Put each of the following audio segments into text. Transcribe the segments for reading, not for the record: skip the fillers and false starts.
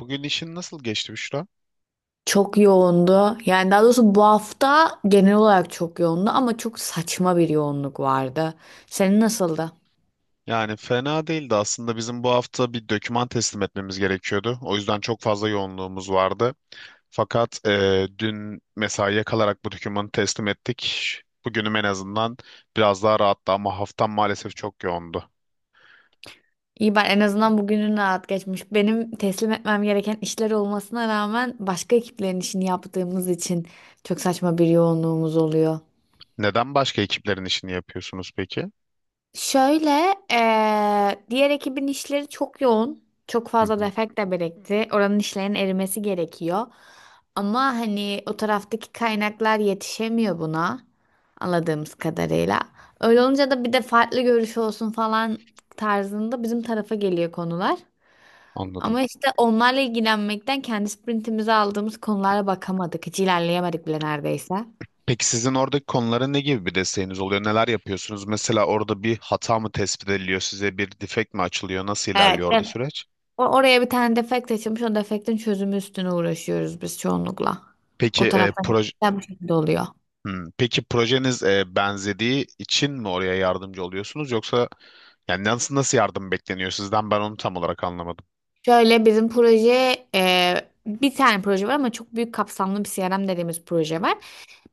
Bugün işin nasıl geçti Büşra? Çok yoğundu. Yani daha doğrusu bu hafta genel olarak çok yoğundu ama çok saçma bir yoğunluk vardı. Senin nasıldı? Yani fena değildi aslında. Bizim bu hafta bir doküman teslim etmemiz gerekiyordu. O yüzden çok fazla yoğunluğumuz vardı. Fakat dün mesaiye kalarak bu dokümanı teslim ettik. Bugünüm en azından biraz daha rahattı ama haftam maalesef çok yoğundu. İyi, ben en azından bugünün rahat geçmiş. Benim teslim etmem gereken işler olmasına rağmen başka ekiplerin işini yaptığımız için çok saçma bir yoğunluğumuz oluyor. Neden başka ekiplerin işini yapıyorsunuz peki? Şöyle, diğer ekibin işleri çok yoğun. Çok Hı fazla hı, defekt de birikti. Oranın işlerin erimesi gerekiyor. Ama hani o taraftaki kaynaklar yetişemiyor buna. Anladığımız kadarıyla. Öyle olunca da bir de farklı görüş olsun falan tarzında bizim tarafa geliyor konular. anladım. Ama işte onlarla ilgilenmekten kendi sprintimize aldığımız konulara bakamadık. Hiç ilerleyemedik bile neredeyse. Peki sizin oradaki konulara ne gibi bir desteğiniz oluyor? Neler yapıyorsunuz? Mesela orada bir hata mı tespit ediliyor? Size bir defekt mi açılıyor? Nasıl Evet, ilerliyor orada süreç? Oraya bir tane defekt açılmış. O defektin çözümü üstüne uğraşıyoruz biz çoğunlukla. Peki O e, taraftan proje da bu şekilde oluyor. Hmm, peki projeniz benzediği için mi oraya yardımcı oluyorsunuz, yoksa yani nasıl yardım bekleniyor sizden, ben onu tam olarak anlamadım. Şöyle bizim proje, bir tane proje var ama çok büyük kapsamlı bir CRM dediğimiz proje var.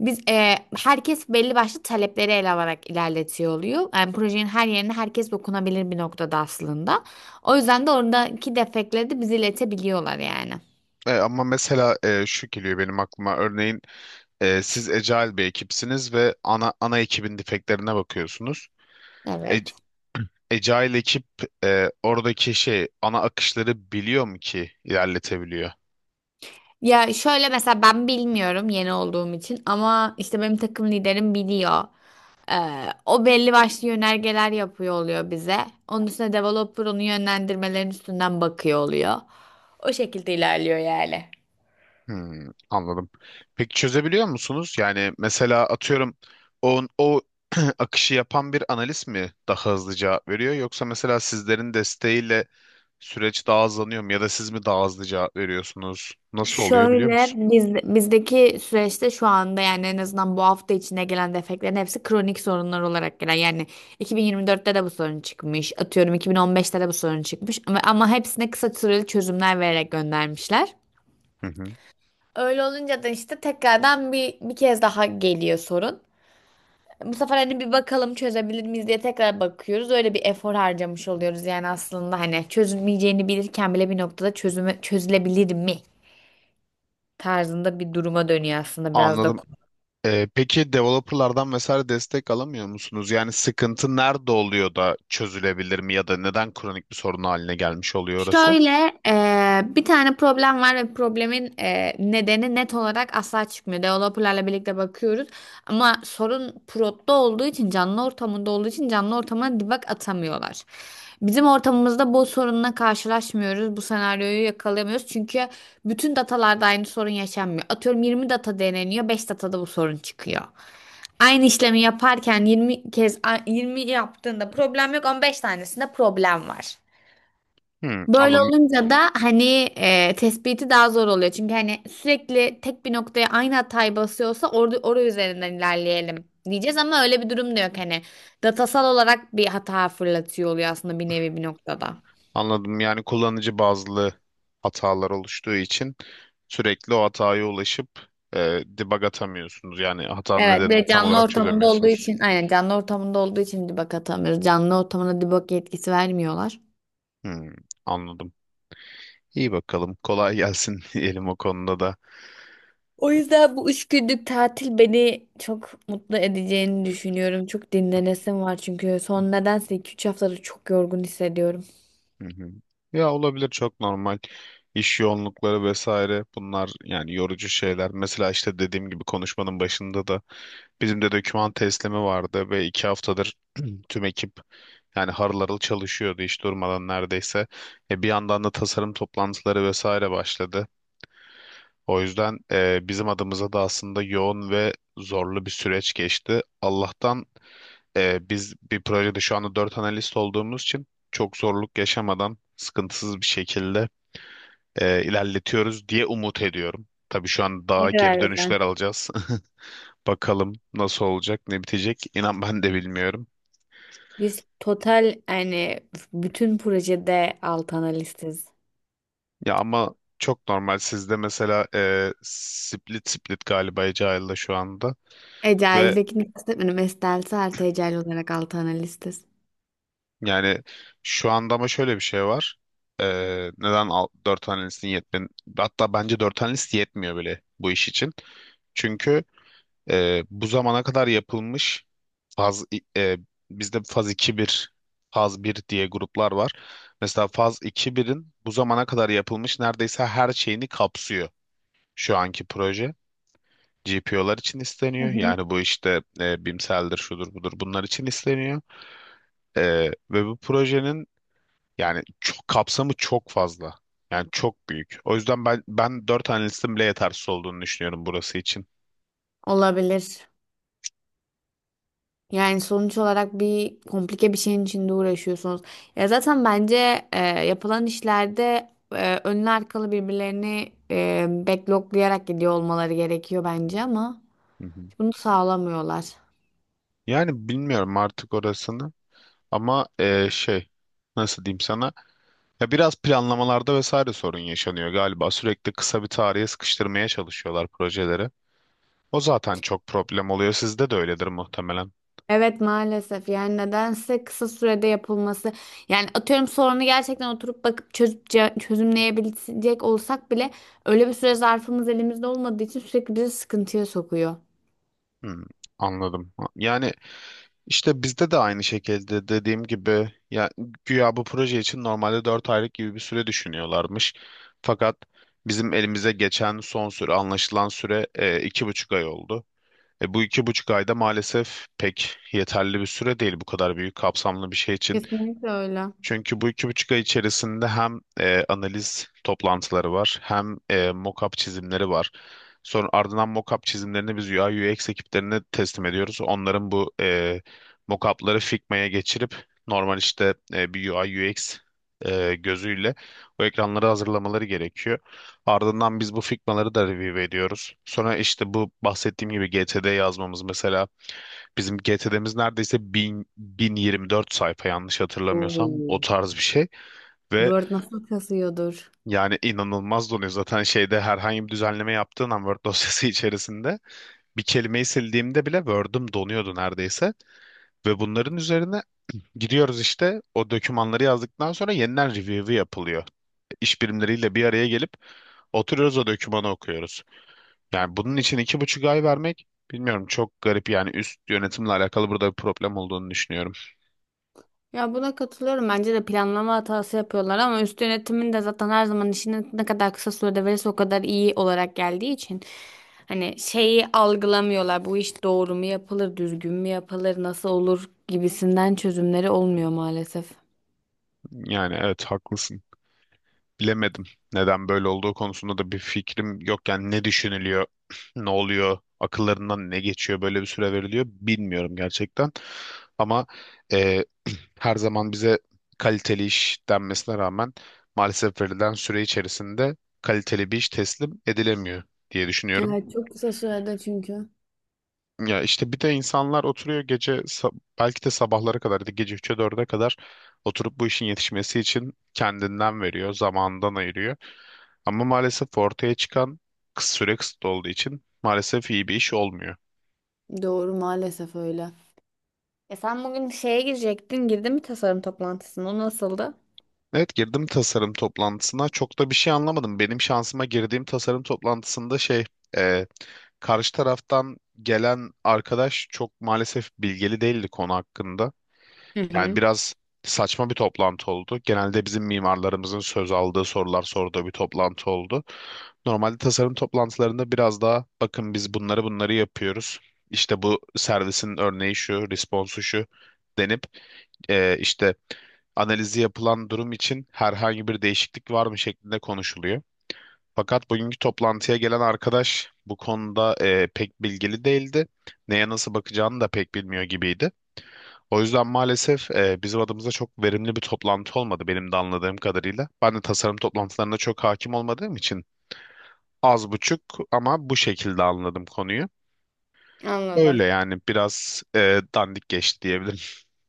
Biz e, herkes belli başlı talepleri ele alarak ilerletiyor oluyor. Yani projenin her yerine herkes dokunabilir bir noktada aslında. O yüzden de oradaki defektleri de bize iletebiliyorlar yani. Ama mesela şu geliyor benim aklıma, örneğin siz Agile bir ekipsiniz ve ana ekibin defektlerine bakıyorsunuz. Evet. Agile ekip oradaki şey, ana akışları biliyor mu ki ilerletebiliyor? Ya şöyle, mesela ben bilmiyorum yeni olduğum için ama işte benim takım liderim biliyor. O belli başlı yönergeler yapıyor oluyor bize. Onun üstüne developer onun yönlendirmelerin üstünden bakıyor oluyor. O şekilde ilerliyor yani. Hmm, anladım. Peki çözebiliyor musunuz? Yani mesela atıyorum o akışı yapan bir analist mi daha hızlı cevap veriyor? Yoksa mesela sizlerin desteğiyle süreç daha hızlanıyor mu, ya da siz mi daha hızlı cevap veriyorsunuz? Nasıl oluyor, biliyor Şöyle musun? biz, bizdeki süreçte şu anda, yani en azından bu hafta içinde gelen defeklerin hepsi kronik sorunlar olarak gelen. Yani 2024'te de bu sorun çıkmış. Atıyorum 2015'te de bu sorun çıkmış. Ama hepsine kısa süreli çözümler vererek göndermişler. Hı hı. Öyle olunca da işte tekrardan bir kez daha geliyor sorun. Bu sefer hani bir bakalım çözebilir miyiz diye tekrar bakıyoruz. Öyle bir efor harcamış oluyoruz yani aslında, hani çözülmeyeceğini bilirken bile bir noktada çözülebilir mi tarzında bir duruma dönüyor aslında biraz da. Anladım. Peki developerlardan vesaire destek alamıyor musunuz? Yani sıkıntı nerede oluyor da çözülebilir mi, ya da neden kronik bir sorun haline gelmiş oluyor orası? Şöyle, bir tane problem var ve problemin nedeni net olarak asla çıkmıyor. Developerlarla birlikte bakıyoruz ama sorun prod'da olduğu için, canlı ortamında olduğu için canlı ortama debug atamıyorlar. Bizim ortamımızda bu sorunla karşılaşmıyoruz. Bu senaryoyu yakalayamıyoruz. Çünkü bütün datalarda aynı sorun yaşanmıyor. Atıyorum 20 data deneniyor, 5 datada bu sorun çıkıyor. Aynı işlemi yaparken 20 yaptığında problem yok, 15 tanesinde problem var. Hmm, Böyle anladım. olunca da hani, tespiti daha zor oluyor. Çünkü hani sürekli tek bir noktaya aynı hatayı basıyorsa orada oraya üzerinden ilerleyelim diyeceğiz ama öyle bir durum da yok hani. Datasal olarak bir hata fırlatıyor oluyor aslında, bir nevi bir noktada. Anladım. Yani kullanıcı bazlı hatalar oluştuğu için sürekli o hataya ulaşıp e, debug atamıyorsunuz. Yani hatanın Evet, bir nedenini de tam canlı olarak ortamında olduğu çözemiyorsunuz. için, aynen canlı ortamında olduğu için debug atamıyoruz. Canlı ortamına debug yetkisi vermiyorlar. Hmm, anladım. İyi bakalım. Kolay gelsin diyelim o konuda da. O yüzden bu üç günlük tatil beni çok mutlu edeceğini düşünüyorum. Çok dinlenesim var çünkü son nedense 2-3 haftadır çok yorgun hissediyorum. Hı hı. Ya olabilir, çok normal. İş yoğunlukları vesaire bunlar yani yorucu şeyler. Mesela işte dediğim gibi konuşmanın başında da bizim de doküman teslimi vardı ve iki haftadır tüm ekip yani harıl harıl çalışıyordu, hiç durmadan neredeyse. Bir yandan da tasarım toplantıları vesaire başladı. O yüzden bizim adımıza da aslında yoğun ve zorlu bir süreç geçti. Allah'tan biz bir projede şu anda dört analist olduğumuz için çok zorluk yaşamadan, sıkıntısız bir şekilde ilerletiyoruz diye umut ediyorum. Tabii şu an Ne daha kadar geri güzel. dönüşler alacağız. Bakalım nasıl olacak, ne bitecek. İnan ben de bilmiyorum. Biz total, yani bütün projede alt analistiz. Ya ama çok normal. Sizde mesela split galiba Agile'da şu anda ve Ecel'dekini kastetmedim. Estel'si artı Ecel olarak alt analistiz. yani şu anda, ama şöyle bir şey var. E, Neden al- dört analistin yetmiyor? Hatta bence dört analist yetmiyor bile bu iş için. Çünkü bu zamana kadar yapılmış faz, e, bizde faz iki bir, faz bir diye gruplar var. Mesela faz iki birin bu zamana kadar yapılmış neredeyse her şeyini kapsıyor şu anki proje. GPO'lar için Hı isteniyor. hı. Yani bu işte BIMsel'dir, şudur budur, bunlar için isteniyor. Ve bu projenin yani çok, kapsamı çok fazla. Yani çok büyük. O yüzden ben dört analistin bile yetersiz olduğunu düşünüyorum burası için. Olabilir. Yani sonuç olarak bir komplike bir şeyin içinde uğraşıyorsunuz. Ya zaten bence yapılan işlerde önlü arkalı birbirlerini backloklayarak gidiyor olmaları gerekiyor bence ama Hı hı. bunu sağlamıyorlar. Yani bilmiyorum artık orasını, ama nasıl diyeyim sana, ya biraz planlamalarda vesaire sorun yaşanıyor galiba. Sürekli kısa bir tarihe sıkıştırmaya çalışıyorlar projeleri. O zaten çok problem oluyor. Sizde de öyledir muhtemelen. Evet, maalesef, yani nedense kısa sürede yapılması, yani atıyorum sorunu gerçekten oturup bakıp çözümleyebilecek olsak bile öyle bir süre zarfımız elimizde olmadığı için sürekli bizi sıkıntıya sokuyor. Hmm, anladım. Yani işte bizde de aynı şekilde dediğim gibi, ya güya bu proje için normalde 4 aylık gibi bir süre düşünüyorlarmış. Fakat bizim elimize geçen son süre, anlaşılan süre iki buçuk ay oldu. Bu iki buçuk ayda maalesef pek yeterli bir süre değil bu kadar büyük kapsamlı bir şey için. Kesinlikle öyle. Çünkü bu iki buçuk ay içerisinde hem analiz toplantıları var, hem mock-up çizimleri var. Sonra ardından mock-up çizimlerini biz UI UX ekiplerine teslim ediyoruz. Onların bu mock-up'ları Figma'ya geçirip normal işte bir UI UX gözüyle o ekranları hazırlamaları gerekiyor. Ardından biz bu Figma'ları da review ediyoruz. Sonra işte bu bahsettiğim gibi GTD yazmamız mesela. Bizim GTD'miz neredeyse 1000, 1024 sayfa yanlış hatırlamıyorsam o tarz bir şey ve Word nasıl kasıyordur? yani inanılmaz donuyor. Zaten şeyde herhangi bir düzenleme yaptığın an Word dosyası içerisinde bir kelimeyi sildiğimde bile Word'üm donuyordu neredeyse, ve bunların üzerine gidiyoruz işte o dokümanları yazdıktan sonra yeniden review'u yapılıyor. İş birimleriyle bir araya gelip oturuyoruz, o dokümanı okuyoruz. Yani bunun için iki buçuk ay vermek, bilmiyorum çok garip, yani üst yönetimle alakalı burada bir problem olduğunu düşünüyorum. Ya buna katılıyorum. Bence de planlama hatası yapıyorlar ama üst yönetimin de zaten her zaman işini ne kadar kısa sürede verirse o kadar iyi olarak geldiği için hani şeyi algılamıyorlar. Bu iş doğru mu yapılır, düzgün mü yapılır, nasıl olur gibisinden çözümleri olmuyor maalesef. Yani evet haklısın. Bilemedim. Neden böyle olduğu konusunda da bir fikrim yok. Yani ne düşünülüyor, ne oluyor, akıllarından ne geçiyor, böyle bir süre veriliyor, bilmiyorum gerçekten. Ama e, her zaman bize kaliteli iş denmesine rağmen maalesef verilen süre içerisinde kaliteli bir iş teslim edilemiyor diye düşünüyorum. Evet, çok kısa sürede çünkü. Ya işte bir de insanlar oturuyor, gece sa- belki de sabahlara kadar, ya gece 3'e dörde kadar oturup bu işin yetişmesi için kendinden veriyor, zamandan ayırıyor. Ama maalesef ortaya çıkan, kıs- süre kısıtlı olduğu için maalesef iyi bir iş olmuyor. Doğru, maalesef öyle. E sen bugün şeye girecektin, girdin mi tasarım toplantısına? O nasıldı? Evet girdim tasarım toplantısına, çok da bir şey anlamadım. Benim şansıma girdiğim tasarım toplantısında e, karşı taraftan gelen arkadaş çok maalesef bilgili değildi konu hakkında. Hı Yani hı. biraz saçma bir toplantı oldu. Genelde bizim mimarlarımızın söz aldığı, sorular sorduğu bir toplantı oldu. Normalde tasarım toplantılarında biraz daha bakın, biz bunları yapıyoruz, İşte bu servisin örneği şu, responsu şu denip, işte analizi yapılan durum için herhangi bir değişiklik var mı şeklinde konuşuluyor. Fakat bugünkü toplantıya gelen arkadaş bu konuda pek bilgili değildi. Neye nasıl bakacağını da pek bilmiyor gibiydi. O yüzden maalesef bizim adımıza çok verimli bir toplantı olmadı, benim de anladığım kadarıyla. Ben de tasarım toplantılarına çok hakim olmadığım için az buçuk, ama bu şekilde anladım konuyu. Öyle, Anladım. yani biraz dandik geçti diyebilirim.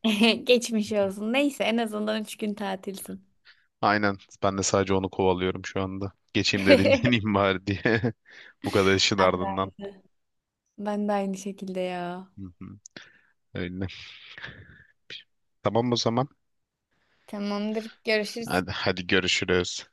Geçmiş olsun. Neyse, en azından üç gün tatilsin. Aynen, ben de sadece onu kovalıyorum şu anda. Geçeyim de dinleneyim bari diye, bu kadar işin Ben de ardından. aynı. Ben de aynı şekilde ya. Hı hı, öyle. Tamam o zaman. Tamamdır. Görüşürüz. Hadi, hadi görüşürüz.